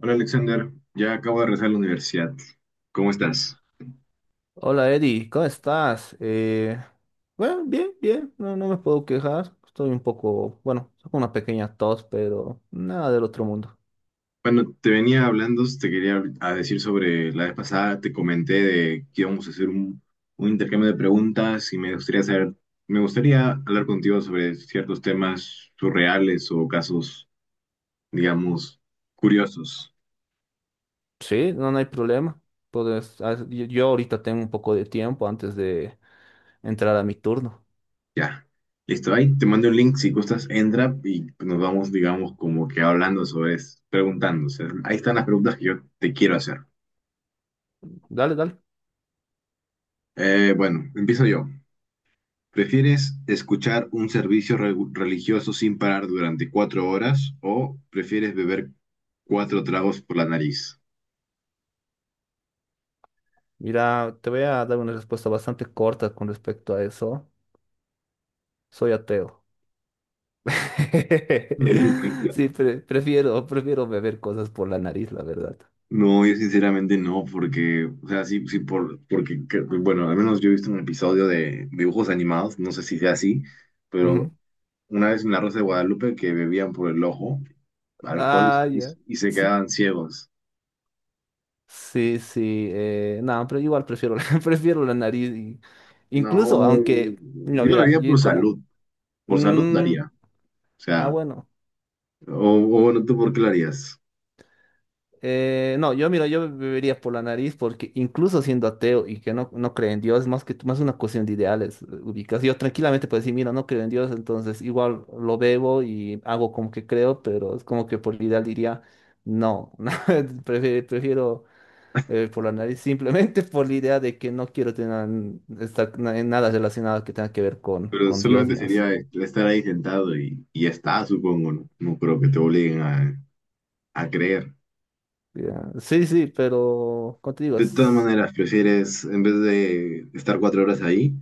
Hola Alexander, ya acabo de regresar a la universidad. ¿Cómo estás? Hola Eddie, ¿cómo estás? Bueno, bien, bien, no, no me puedo quejar. Estoy un poco, bueno, con una pequeña tos, pero nada del otro mundo. Bueno, te venía hablando, te quería a decir sobre la vez pasada, te comenté de que íbamos a hacer un intercambio de preguntas y me gustaría saber, me gustaría hablar contigo sobre ciertos temas surreales o casos, digamos, curiosos. Sí, no, no hay problema. Puedes, ah, yo yo ahorita tengo un poco de tiempo antes de entrar a mi turno. Ya, listo, ahí te mando un link si gustas, entra y nos vamos, digamos, como que hablando sobre eso, preguntando. O sea, ahí están las preguntas que yo te quiero hacer. Dale, dale. Bueno, empiezo yo. ¿Prefieres escuchar un servicio religioso sin parar durante cuatro horas o prefieres beber cuatro tragos por la nariz? Mira, te voy a dar una respuesta bastante corta con respecto a eso. Soy ateo. Sí, prefiero beber cosas por la nariz, la verdad. No, yo sinceramente no, porque, o sea, sí, sí, bueno, al menos yo he visto un episodio de dibujos animados, no sé si sea así, Ujú. pero una vez en La Rosa de Guadalupe que bebían por el ojo alcohol Ah, y- ya. y se Sí. quedaban ciegos. Sí, sí, no, pero igual prefiero, prefiero la nariz. Incluso, No, aunque, no, yo lo mira, haría yo como, por salud lo mm, haría, o sea. bueno, O, o bueno, ¿tú por qué lo harías? No, yo, mira, yo bebería por la nariz porque incluso siendo ateo y que no, no cree en Dios, más que más una cuestión de ideales, ubicas. Yo tranquilamente puedo decir, mira, no creo en Dios, entonces igual lo bebo y hago como que creo, pero es como que por ideal diría, no, no, prefiero por la nariz, simplemente por la idea de que no quiero tener estar en nada relacionado que tenga que ver con, Pero con Dios, solamente digamos. sería estar ahí sentado y ya está, supongo, ¿no? No creo que te obliguen a creer. Ya, sí, sí, pero contigo, De todas maneras, prefieres, en vez de estar cuatro horas ahí,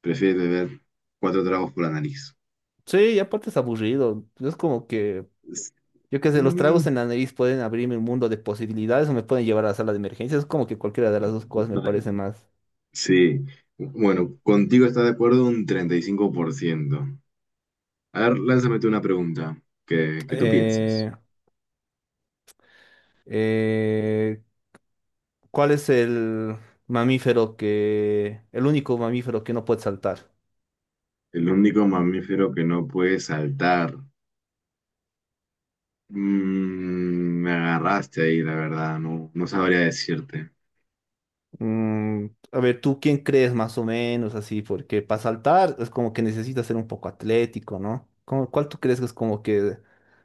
prefieres beber cuatro tragos por la nariz. sí, y aparte es aburrido. Es como que, Es- yo qué sé, los mm. tragos en la nariz pueden abrirme un mundo de posibilidades o me pueden llevar a la sala de emergencias. Es como que cualquiera de las dos cosas me parece más. Sí. Bueno, contigo está de acuerdo un 35%. A ver, lánzame tú una pregunta que tú pienses. Eh, eh, ¿Cuál es el único mamífero que no puede saltar? El único mamífero que no puede saltar. Mm, me agarraste ahí, la verdad, no, no sabría decirte. Mm, a ver, ¿tú quién crees más o menos así? Porque para saltar es como que necesitas ser un poco atlético, ¿no? ¿Cuál tú crees que es como que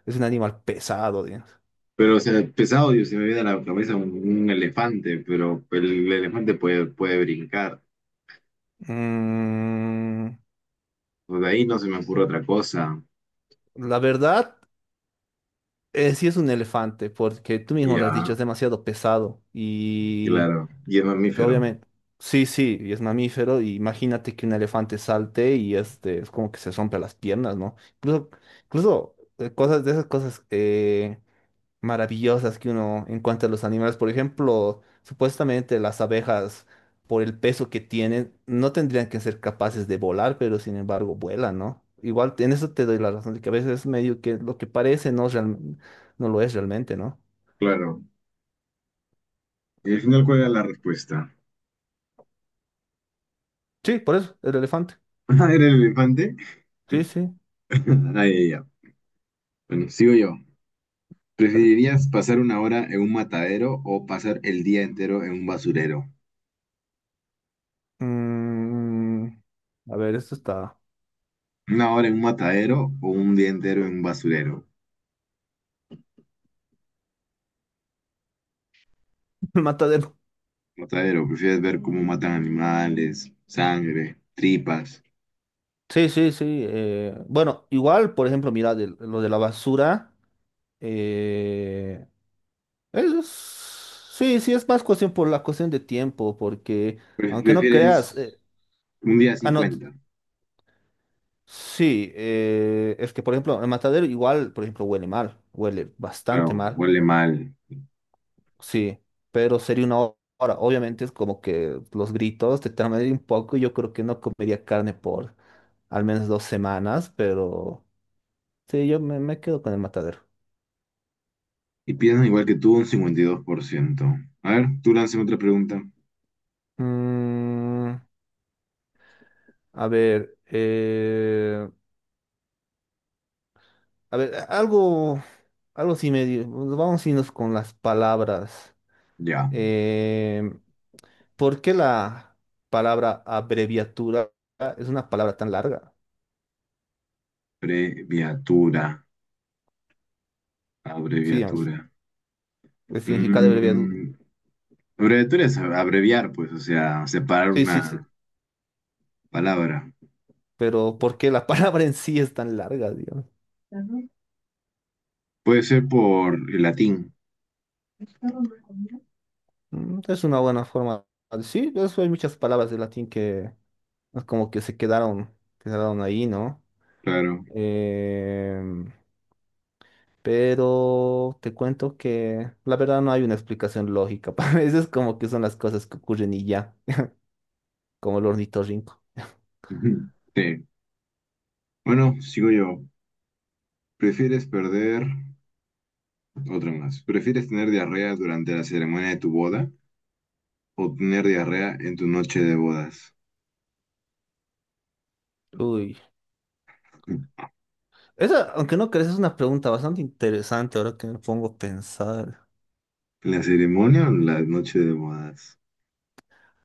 es un animal pesado, digamos? Pero, o sea, pesado, Dios se me viene a la cabeza un elefante, pero el elefante puede, puede brincar. Mm, Pues de ahí no se me ocurre otra cosa. la verdad, sí es un elefante, porque tú mismo lo has Ya, dicho, es demasiado pesado y claro. Y es pues, mamífero, obviamente, sí, sí, y es mamífero, y imagínate que un elefante salte y este, es como que se rompe las piernas, ¿no? Incluso, incluso cosas de esas cosas maravillosas que uno encuentra en los animales. Por ejemplo, supuestamente las abejas, por el peso que tienen, no tendrían que ser capaces de volar, pero sin embargo vuelan, ¿no? Igual en eso te doy la razón, de que a veces es medio que lo que parece no, es no lo es realmente, ¿no? claro. Y al final, ¿cuál era la respuesta? Sí, por eso, el elefante. ¿Era el elefante? Sí, sí, Ahí ya. Bueno, sigo yo. dale. ¿Preferirías pasar una hora en un matadero o pasar el día entero en un basurero? Mm, a ver, esto está ¿Una hora en un matadero o un día entero en un basurero? matadero. Matadero, prefieres ver cómo matan animales, sangre, tripas. Sí, sí, sí. Bueno, igual, por ejemplo, mira, lo de la basura. eh, Eso es- sí, sí, es más cuestión por la cuestión de tiempo, porque aunque no creas, Prefieres un día no, 50. sí, es que por ejemplo, el matadero igual, por ejemplo, huele mal, huele bastante Claro, mal, huele mal. sí, pero sería una hora. Obviamente es como que los gritos te traen un poco, y yo creo que no comería carne por al menos 2 semanas, pero sí, yo me quedo con el matadero. Y piensan igual que tú un 52%. A ver, tú lánzame otra pregunta. Mm, a ver, eh, A ver, algo sí medio. Vamos a irnos con las palabras. Ya. Eh, ¿Por qué la palabra abreviatura es una palabra tan larga? Abreviatura. Sí, digamos, Abreviatura. el significado de abreviatura. Mm, abreviatura es abreviar, pues, o sea, separar Sí, sí, sí. una palabra. Pero ¿por qué la palabra en sí es tan larga, digamos? Puede ser por el latín, Mm. Es una buena forma. Sí, eso hay muchas palabras de latín que es como que se quedaron ahí, ¿no? claro. Eh, Pero te cuento que la verdad no hay una explicación lógica. Para veces como que son las cosas que ocurren y ya, como el ornitorrinco. Sí. Bueno, sigo yo. ¿Prefieres perder? Otra más. ¿Prefieres tener diarrea durante la ceremonia de tu boda o tener diarrea en tu noche de bodas? Uy. Esa, aunque no crees, es una pregunta bastante interesante ahora que me pongo a pensar. ¿La ceremonia o la noche de bodas?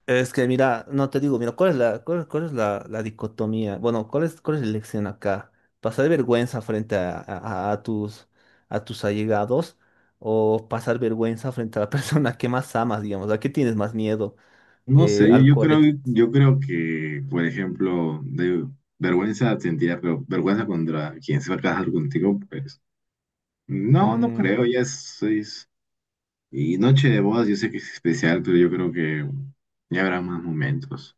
Es que mira, no te digo, mira, ¿cuál es la dicotomía? Bueno, ¿cuál es la elección acá? ¿Pasar vergüenza frente a, a- a tus, a tus allegados o pasar vergüenza frente a la persona que más amas, digamos? ¿A qué tienes más miedo? No sé, Al colectivo. yo creo que, por ejemplo, de vergüenza sentirá, pero vergüenza contra quien se va a casar contigo, pues no, no creo, y noche de bodas, yo sé que es especial, pero yo creo que ya habrá más momentos.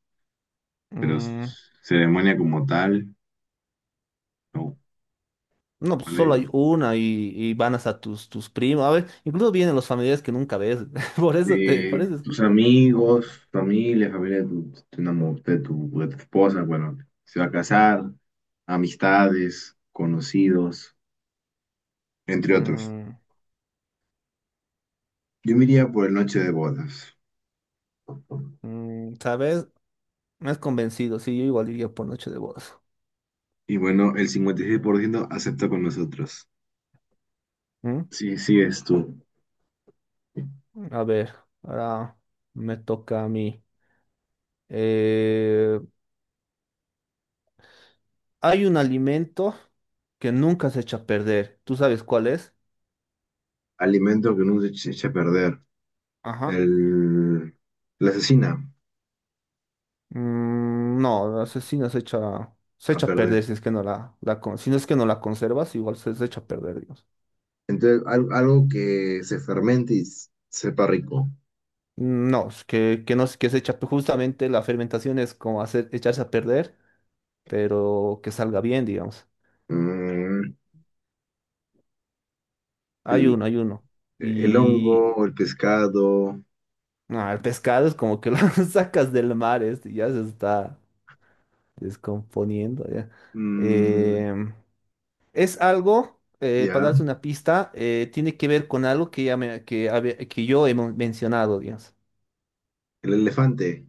Pero s- Mm, Ceremonia como tal, no. no, pues solo hay una y van hasta tus primos. A ver, incluso vienen los familiares que nunca ves. Por eso te, por Eh, eso es. tus amigos, familia, de tu de tu esposa, bueno, se va a casar, amistades, conocidos, entre otros. Mm, Yo me iría por el noche de bodas. mm, ¿sabes? Me has convencido. Sí, yo igual iría por noche de bodas. Y bueno, el 56% acepta con nosotros. ¿Mm? Sí, sí, es tu A ver, ahora me toca a mí. Eh, Hay un alimento que nunca se echa a perder. ¿Tú sabes cuál es? alimento que no se eche a perder. Ajá. El, la asesina No, la asesina se echa, se a echa a perder perder. Si no es que no la conservas, igual se echa a perder. Entonces, algo que se fermente y sepa rico. No, es que, no es que se echa, pues, justamente la fermentación es como hacer, echarse a perder, pero que salga bien, digamos. Mm, Hay uno, hay uno. el Y hongo, el pescado, el pescado es como que lo sacas del mar, este ya se está descomponiendo. Ya. mm, Em, es algo, para ya, darte una pista, tiene que ver con algo que, ya me- que, habe- que yo he mencionado, digamos. el elefante,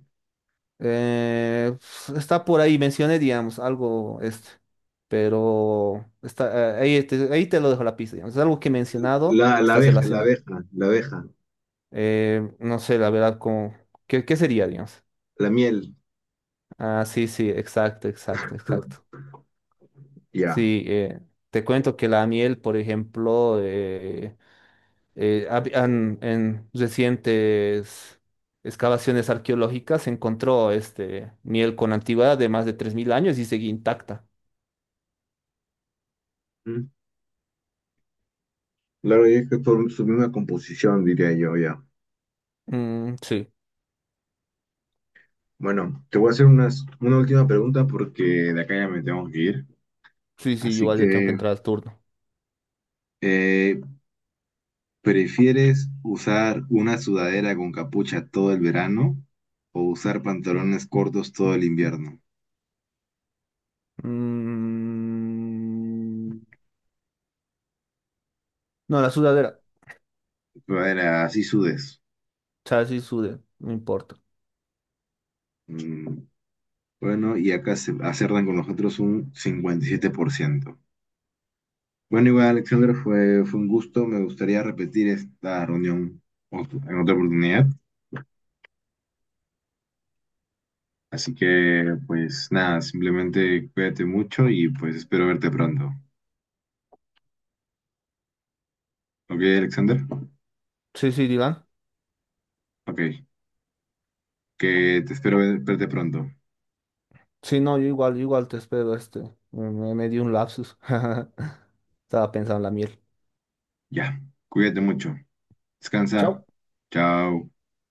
Eh, Está por ahí, mencioné, digamos, algo este, pero está, ahí te lo dejo la pista, digamos. Es algo que he mencionado, la está abeja, relacionado. La abeja, No sé, la verdad, como, ¿qué sería, digamos? la miel, Ah, sí, sí, exacto, exacto, ah, exacto. ya. Sí, te cuento que la miel, por ejemplo, en recientes excavaciones arqueológicas se encontró miel con antigüedad de más de 3.000 años y seguía intacta. Mm. Claro, y es que por su misma composición, diría yo, ya. Mm, sí, Bueno, te voy a hacer una última pregunta porque de acá ya me tengo que ir. sí, sí, Así igual yo tengo que que, entrar al turno. eh, ¿prefieres usar una sudadera con capucha todo el verano o usar pantalones cortos todo el invierno? Mm, no, la sudadera. Sudadera, así sudes. O sea, sí sude, no importa. Mm, bueno, y acá se acertan con nosotros un 57%. Bueno, igual, Alexander, fue un gusto. Me gustaría repetir esta reunión en otra oportunidad. Así que, pues nada, simplemente cuídate mucho y pues espero verte pronto. ¿Ok, Alexander? Sí, sí, digan. Ok, que te espero verte pronto. Sí, no, yo igual te espero. Me di un lapsus. Estaba pensando en la miel. Ya, cuídate mucho. Descansa. Chao. Chao.